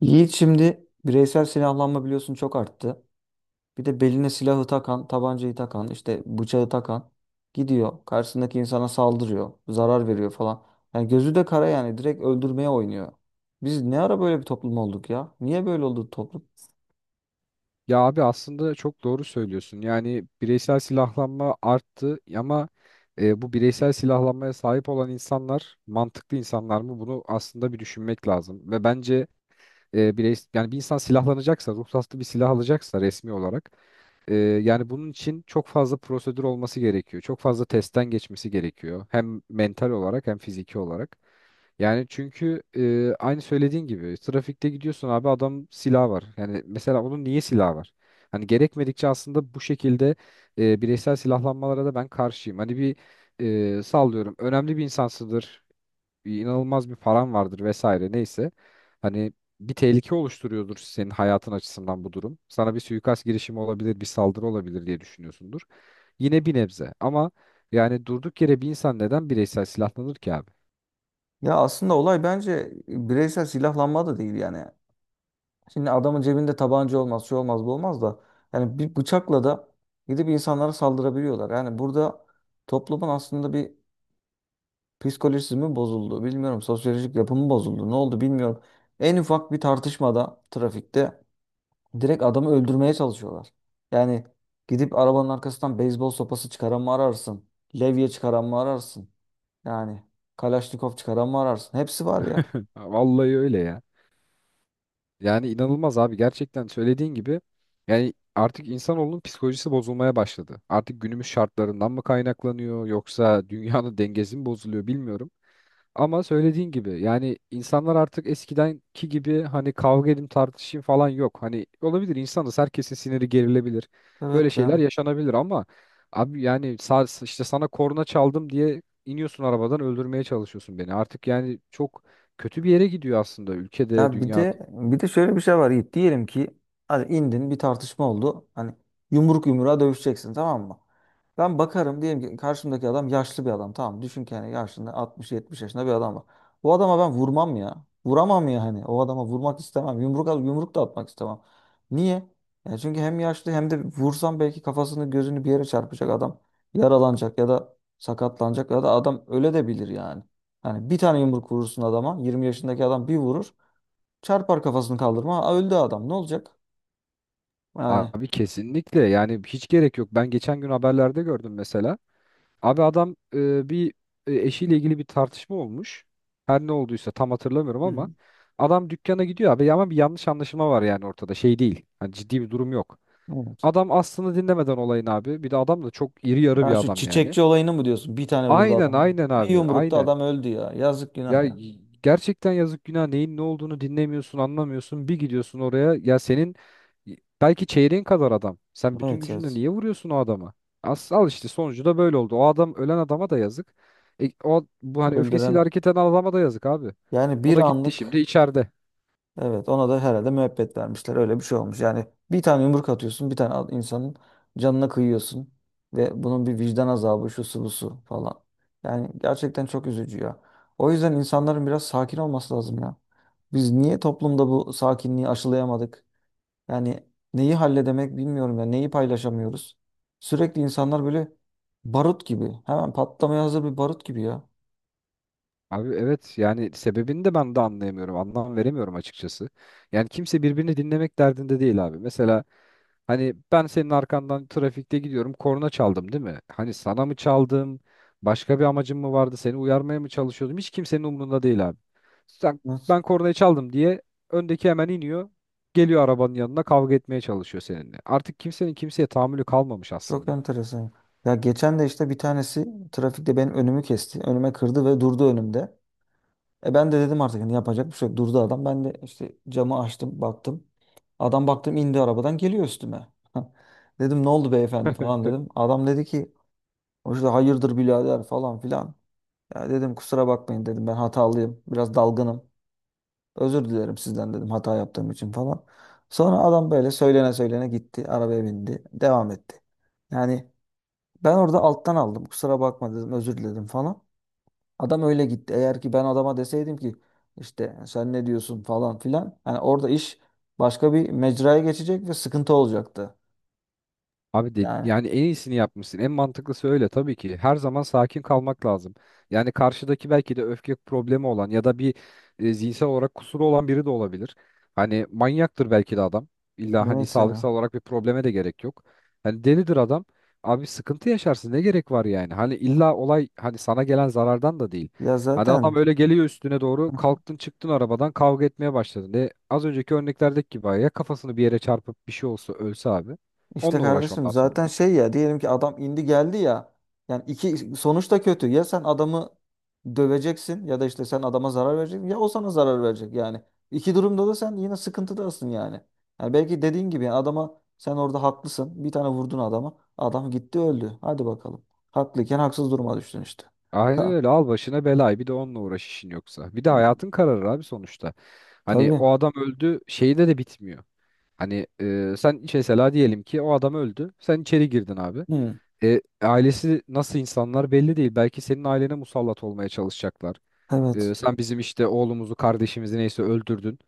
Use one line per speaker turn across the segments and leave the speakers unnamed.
Yiğit, şimdi bireysel silahlanma biliyorsun, çok arttı. Bir de beline silahı takan, tabancayı takan, işte bıçağı takan gidiyor. Karşısındaki insana saldırıyor, zarar veriyor falan. Yani gözü de kara, yani direkt öldürmeye oynuyor. Biz ne ara böyle bir toplum olduk ya? Niye böyle oldu toplum?
Ya abi aslında çok doğru söylüyorsun. Yani bireysel silahlanma arttı ama bu bireysel silahlanmaya sahip olan insanlar mantıklı insanlar mı? Bunu aslında bir düşünmek lazım. Ve bence yani bir insan silahlanacaksa, ruhsatlı bir silah alacaksa resmi olarak yani bunun için çok fazla prosedür olması gerekiyor. Çok fazla testten geçmesi gerekiyor. Hem mental olarak hem fiziki olarak. Yani çünkü aynı söylediğin gibi trafikte gidiyorsun abi adam silah var. Yani mesela onun niye silah var? Hani gerekmedikçe aslında bu şekilde bireysel silahlanmalara da ben karşıyım. Hani bir sallıyorum önemli bir insansıdır, inanılmaz bir paran vardır vesaire neyse. Hani bir tehlike oluşturuyordur senin hayatın açısından bu durum. Sana bir suikast girişimi olabilir, bir saldırı olabilir diye düşünüyorsundur. Yine bir nebze, ama yani durduk yere bir insan neden bireysel silahlanır ki abi?
Ya, aslında olay bence bireysel silahlanma da değil yani. Şimdi adamın cebinde tabanca olmaz, şu olmaz, bu olmaz da. Yani bir bıçakla da gidip insanlara saldırabiliyorlar. Yani burada toplumun aslında bir psikolojisi mi bozuldu bilmiyorum. Sosyolojik yapımı bozuldu. Ne oldu bilmiyorum. En ufak bir tartışmada trafikte direkt adamı öldürmeye çalışıyorlar. Yani gidip arabanın arkasından beyzbol sopası çıkaran mı ararsın? Levye çıkaran mı ararsın? Yani Kalaşnikov çıkaran mı ararsın? Hepsi var ya.
Vallahi öyle ya. Yani inanılmaz abi, gerçekten söylediğin gibi yani artık insanoğlunun psikolojisi bozulmaya başladı. Artık günümüz şartlarından mı kaynaklanıyor yoksa dünyanın dengesi mi bozuluyor bilmiyorum. Ama söylediğin gibi yani insanlar artık eskidenki gibi hani kavga edin tartışayım falan yok. Hani olabilir, insanız, herkesin siniri gerilebilir. Böyle
Evet
şeyler
ya.
yaşanabilir ama abi yani işte sana korna çaldım diye iniyorsun arabadan, öldürmeye çalışıyorsun beni. Artık yani çok kötü bir yere gidiyor aslında, ülkede,
Ya bir
dünyada.
de bir de şöyle bir şey var, Yiğit. Diyelim ki hadi indin, bir tartışma oldu. Hani yumruk yumruğa dövüşeceksin, tamam mı? Ben bakarım, diyelim ki karşımdaki adam yaşlı bir adam. Tamam, düşün ki yani yaşında 60-70 yaşında bir adam var. Bu adama ben vurmam ya. Vuramam ya hani. O adama vurmak istemem. Yumruk al, yumruk da atmak istemem. Niye? Ya çünkü hem yaşlı, hem de vursam belki kafasını gözünü bir yere çarpacak adam. Yaralanacak ya da sakatlanacak ya da adam öle de bilir yani. Yani bir tane yumruk vurursun adama. 20 yaşındaki adam bir vurur. Çarpar kafasını kaldırma. Aa, öldü adam. Ne olacak? Yani.
Abi kesinlikle, yani hiç gerek yok. Ben geçen gün haberlerde gördüm mesela. Abi adam eşiyle ilgili bir tartışma olmuş. Her ne olduysa tam hatırlamıyorum
Hı.
ama adam dükkana gidiyor abi, ama bir yanlış anlaşılma var yani ortada. Şey değil. Hani ciddi bir durum yok.
Evet.
Adam aslını dinlemeden olayın abi. Bir de adam da çok iri yarı
Ya
bir
şu
adam yani.
çiçekçi olayını mı diyorsun? Bir tane vurdu
Aynen
adam.
aynen
Bir
abi,
yumrukta
aynen.
adam öldü ya. Yazık, günah ya.
Gerçekten yazık günah, neyin ne olduğunu dinlemiyorsun, anlamıyorsun. Bir gidiyorsun oraya ya, senin belki çeyreğin kadar adam. Sen bütün
Evet,
gücünle
evet.
niye vuruyorsun o adamı? As al, işte sonucu da böyle oldu. O adam, ölen adama da yazık. O bu, hani öfkesiyle
Öldüren.
hareket eden adama da yazık abi.
Yani
O
bir
da gitti
anlık.
şimdi içeride.
Evet, ona da herhalde müebbet vermişler. Öyle bir şey olmuş. Yani bir tane yumruk atıyorsun. Bir tane insanın canına kıyıyorsun. Ve bunun bir vicdan azabı, şu su bu su falan. Yani gerçekten çok üzücü ya. O yüzden insanların biraz sakin olması lazım ya. Biz niye toplumda bu sakinliği aşılayamadık? Yani neyi halledemek bilmiyorum ya. Neyi paylaşamıyoruz. Sürekli insanlar böyle barut gibi. Hemen patlamaya hazır bir barut gibi ya.
Abi evet, yani sebebini de ben de anlayamıyorum. Anlam veremiyorum açıkçası. Yani kimse birbirini dinlemek derdinde değil abi. Mesela hani ben senin arkandan trafikte gidiyorum, korna çaldım değil mi? Hani sana mı çaldım? Başka bir amacım mı vardı? Seni uyarmaya mı çalışıyordum? Hiç kimsenin umurunda değil abi. Sen,
Evet.
ben kornayı çaldım diye öndeki hemen iniyor. Geliyor arabanın yanına, kavga etmeye çalışıyor seninle. Artık kimsenin kimseye tahammülü kalmamış
Çok
aslında.
enteresan. Ya geçen de işte bir tanesi trafikte benim önümü kesti. Önüme kırdı ve durdu önümde. E, ben de dedim artık hani yapacak bir şey yok. Durdu adam. Ben de işte camı açtım, baktım. Adam, baktım indi arabadan, geliyor üstüme. Dedim ne oldu beyefendi falan dedim. Adam dedi ki o işte hayırdır birader falan filan. Ya dedim kusura bakmayın dedim, ben hatalıyım. Biraz dalgınım. Özür dilerim sizden dedim, hata yaptığım için falan. Sonra adam böyle söylene söylene gitti. Arabaya bindi. Devam etti. Yani ben orada alttan aldım. Kusura bakma dedim, özür diledim falan. Adam öyle gitti. Eğer ki ben adama deseydim ki işte sen ne diyorsun falan filan. Yani orada iş başka bir mecraya geçecek ve sıkıntı olacaktı.
Abi,
Yani.
yani en iyisini yapmışsın. En mantıklısı öyle tabii ki. Her zaman sakin kalmak lazım. Yani karşıdaki belki de öfke problemi olan ya da bir zihinsel olarak kusuru olan biri de olabilir. Hani manyaktır belki de adam. İlla hani
Evet ya.
sağlıksal olarak bir probleme de gerek yok. Hani delidir adam. Abi sıkıntı yaşarsın, ne gerek var yani? Hani illa olay hani sana gelen zarardan da değil.
Ya
Hani adam
zaten.
öyle geliyor üstüne doğru, kalktın çıktın arabadan kavga etmeye başladın. De az önceki örneklerdeki gibi ya kafasını bir yere çarpıp bir şey olsa, ölse abi.
İşte
Onunla uğraş
kardeşim
ondan sonra.
zaten şey ya, diyelim ki adam indi geldi ya, yani iki sonuç da kötü ya. Sen adamı döveceksin ya da işte sen adama zarar vereceksin ya o sana zarar verecek yani, iki durumda da sen yine sıkıntıdasın yani. Yani belki dediğin gibi yani adama sen orada haklısın, bir tane vurdun adama, adam gitti öldü, hadi bakalım, haklıyken haksız duruma düştün işte.
Aynen
Ka-
öyle, al başına belayı, bir de onunla uğraş işin yoksa. Bir de hayatın kararır abi sonuçta. Hani
Tabii.
o adam öldü şeyde de bitmiyor. Hani sen mesela diyelim ki o adam öldü. Sen içeri girdin abi.
Hı.
E, ailesi nasıl insanlar belli değil. Belki senin ailene musallat olmaya çalışacaklar. E,
Evet.
sen bizim işte oğlumuzu, kardeşimizi, neyse öldürdün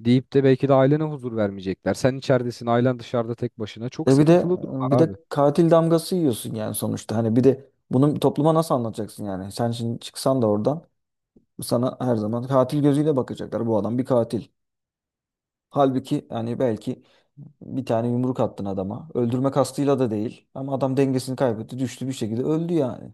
deyip de belki de ailene huzur vermeyecekler. Sen içeridesin, ailen dışarıda tek başına. Çok
E bir de
sıkıntılı durumlar
bir
abi.
de katil damgası yiyorsun yani sonuçta. Hani bir de bunu topluma nasıl anlatacaksın yani? Sen şimdi çıksan da oradan sana her zaman katil gözüyle bakacaklar. Bu adam bir katil. Halbuki yani belki bir tane yumruk attın adama. Öldürme kastıyla da değil. Ama adam dengesini kaybetti. Düştü, bir şekilde öldü yani.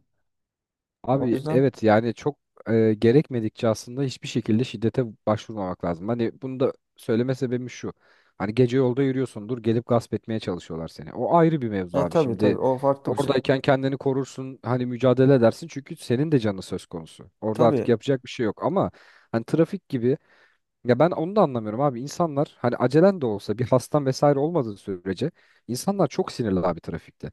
O
Abi
yüzden
evet, yani çok gerekmedikçe aslında hiçbir şekilde şiddete başvurmamak lazım. Hani bunu da söyleme sebebim şu. Hani gece yolda yürüyorsundur, gelip gasp etmeye çalışıyorlar seni. O ayrı bir mevzu abi.
tabii,
Şimdi
tabii, o farklı bir şey.
oradayken kendini korursun, hani mücadele edersin çünkü senin de canın söz konusu. Orada artık
Tabii.
yapacak bir şey yok ama hani trafik gibi, ya ben onu da anlamıyorum abi. İnsanlar hani acelen de olsa, bir hastan vesaire olmadığı sürece insanlar çok sinirli abi trafikte.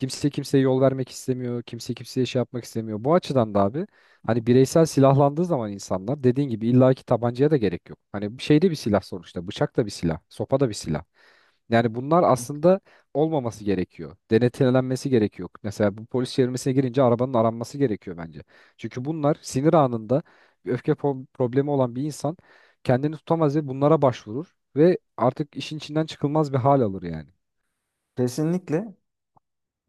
Kimse kimseye yol vermek istemiyor. Kimse kimseye şey yapmak istemiyor. Bu açıdan da abi hani bireysel silahlandığı zaman insanlar dediğin gibi illaki tabancaya da gerek yok. Hani şeyde bir silah sonuçta. Bıçak da bir silah. Sopa da bir silah. Yani bunlar aslında olmaması gerekiyor. Denetlenmesi gerekiyor. Mesela bu polis çevirmesine girince arabanın aranması gerekiyor bence. Çünkü bunlar sinir anında, bir problemi olan bir insan kendini tutamaz ve bunlara başvurur ve artık işin içinden çıkılmaz bir hal alır yani.
Kesinlikle.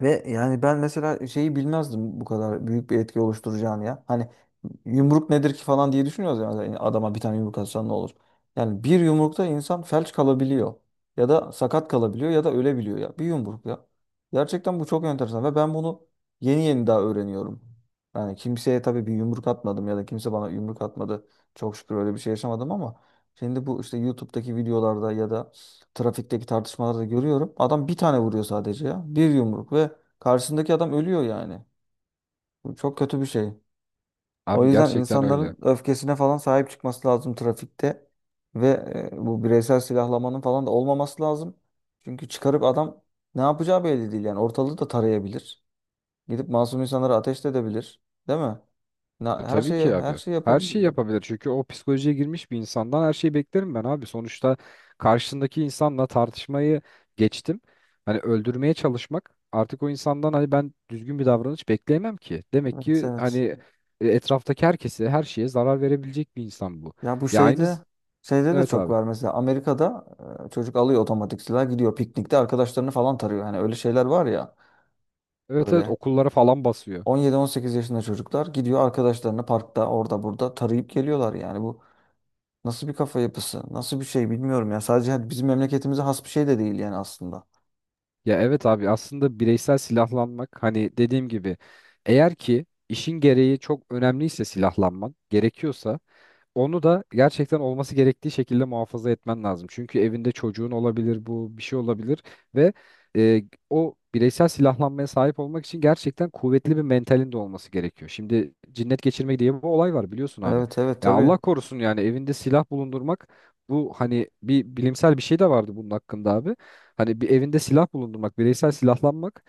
Ve yani ben mesela şeyi bilmezdim bu kadar büyük bir etki oluşturacağını ya. Hani yumruk nedir ki falan diye düşünüyoruz ya. Yani adama bir tane yumruk atsan ne olur. Yani bir yumrukta insan felç kalabiliyor ya da sakat kalabiliyor ya da ölebiliyor ya. Bir yumruk ya. Gerçekten bu çok enteresan ve ben bunu yeni yeni daha öğreniyorum. Yani kimseye tabii bir yumruk atmadım ya da kimse bana yumruk atmadı. Çok şükür öyle bir şey yaşamadım, ama şimdi bu işte YouTube'daki videolarda ya da trafikteki tartışmalarda da görüyorum. Adam bir tane vuruyor sadece ya. Bir yumruk ve karşısındaki adam ölüyor yani. Bu çok kötü bir şey. O
Abi
yüzden
gerçekten öyle.
insanların öfkesine falan sahip çıkması lazım trafikte. Ve bu bireysel silahlamanın falan da olmaması lazım. Çünkü çıkarıp adam ne yapacağı belli değil yani. Ortalığı da tarayabilir. Gidip masum insanlara ateş de edebilir. Değil mi? Her
Tabii
şeyi
ki
her
abi.
şeyi
Her şeyi
yapabilir.
yapabilir. Çünkü o psikolojiye girmiş bir insandan her şeyi beklerim ben abi. Sonuçta karşısındaki insanla tartışmayı geçtim. Hani öldürmeye çalışmak, artık o insandan hani ben düzgün bir davranış bekleyemem ki. Demek
Evet,
ki hani
evet.
etraftaki herkese, her şeye zarar verebilecek bir insan bu.
Ya bu
Ya aynı,
şeyde de
evet
çok
abi.
var mesela Amerika'da, çocuk alıyor otomatik silah, gidiyor piknikte arkadaşlarını falan tarıyor. Hani öyle şeyler var ya,
Evet evet,
böyle
okullara falan basıyor.
17-18 yaşında çocuklar gidiyor, arkadaşlarını parkta orada burada tarayıp geliyorlar. Yani bu nasıl bir kafa yapısı, nasıl bir şey bilmiyorum ya. Sadece hani bizim memleketimize has bir şey de değil yani aslında.
Ya evet abi, aslında bireysel silahlanmak hani dediğim gibi, eğer ki işin gereği çok önemliyse, silahlanman gerekiyorsa onu da gerçekten olması gerektiği şekilde muhafaza etmen lazım. Çünkü evinde çocuğun olabilir, bu bir şey olabilir ve e, o bireysel silahlanmaya sahip olmak için gerçekten kuvvetli bir mentalin de olması gerekiyor. Şimdi cinnet geçirmek diye bir olay var, biliyorsun abi.
Evet, evet,
Ya
tabii.
Allah korusun, yani evinde silah bulundurmak, bu hani bir bilimsel bir şey de vardı bunun hakkında abi. Hani bir evinde silah bulundurmak, bireysel silahlanmak,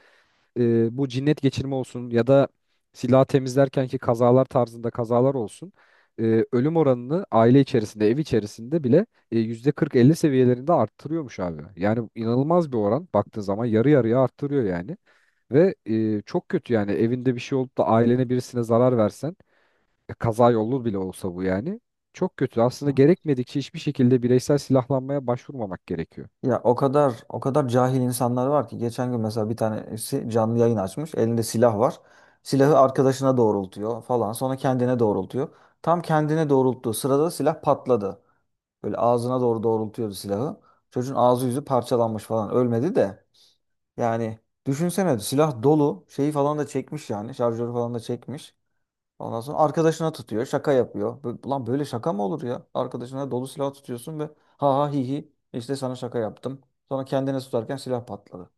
bu cinnet geçirme olsun ya da silah temizlerken ki kazalar tarzında kazalar olsun, ölüm oranını aile içerisinde, ev içerisinde bile %40-50 seviyelerinde arttırıyormuş abi. Yani inanılmaz bir oran, baktığın zaman yarı yarıya arttırıyor yani. Ve çok kötü, yani evinde bir şey olup da ailene, birisine zarar versen, kaza yolu bile olsa bu yani çok kötü. Aslında gerekmedikçe hiçbir şekilde bireysel silahlanmaya başvurmamak gerekiyor.
Ya o kadar o kadar cahil insanlar var ki geçen gün mesela bir tanesi canlı yayın açmış. Elinde silah var. Silahı arkadaşına doğrultuyor falan. Sonra kendine doğrultuyor. Tam kendine doğrulttuğu sırada silah patladı. Böyle ağzına doğru doğrultuyordu silahı. Çocuğun ağzı yüzü parçalanmış falan. Ölmedi de. Yani düşünsene silah dolu. Şeyi falan da çekmiş yani. Şarjörü falan da çekmiş. Ondan sonra arkadaşına tutuyor, şaka yapıyor. Lan böyle şaka mı olur ya? Arkadaşına dolu silah tutuyorsun ve ha ha hi hi işte sana şaka yaptım. Sonra kendine tutarken silah patladı.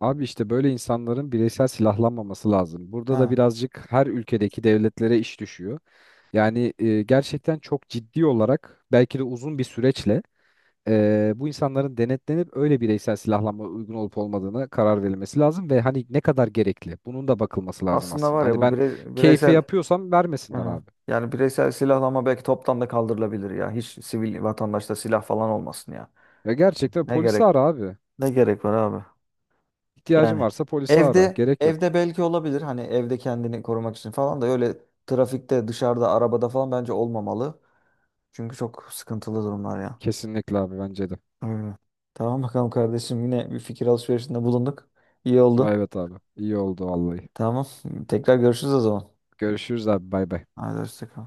Abi işte böyle insanların bireysel silahlanmaması lazım. Burada da
Ha.
birazcık her ülkedeki devletlere iş düşüyor. Yani gerçekten çok ciddi olarak belki de uzun bir süreçle bu insanların denetlenip öyle bireysel silahlanma uygun olup olmadığını karar verilmesi lazım ve hani ne kadar gerekli bunun da bakılması lazım
Aslında
aslında.
var ya
Hani
bu
ben keyfe
bireysel.
yapıyorsam vermesinler
Aha.
abi.
Yani bireysel silahlama belki toptan da kaldırılabilir ya. Hiç sivil vatandaşta silah falan olmasın ya.
Ya
Evet.
gerçekten
Ne
polisi
gerek
ara abi.
ne gerek var abi?
İhtiyacın
Yani
varsa polisi ara.
evde
Gerek yok.
evde belki olabilir. Hani evde kendini korumak için falan da öyle. Trafikte, dışarıda, arabada falan bence olmamalı. Çünkü çok sıkıntılı durumlar ya.
Kesinlikle abi, bence de.
Aynen. Tamam bakalım kardeşim, yine bir fikir alışverişinde bulunduk. İyi
Aa,
oldu.
evet abi. İyi oldu vallahi.
Tamam. Tekrar görüşürüz o zaman.
Görüşürüz abi. Bay bay.
Hadi, hoşça kal.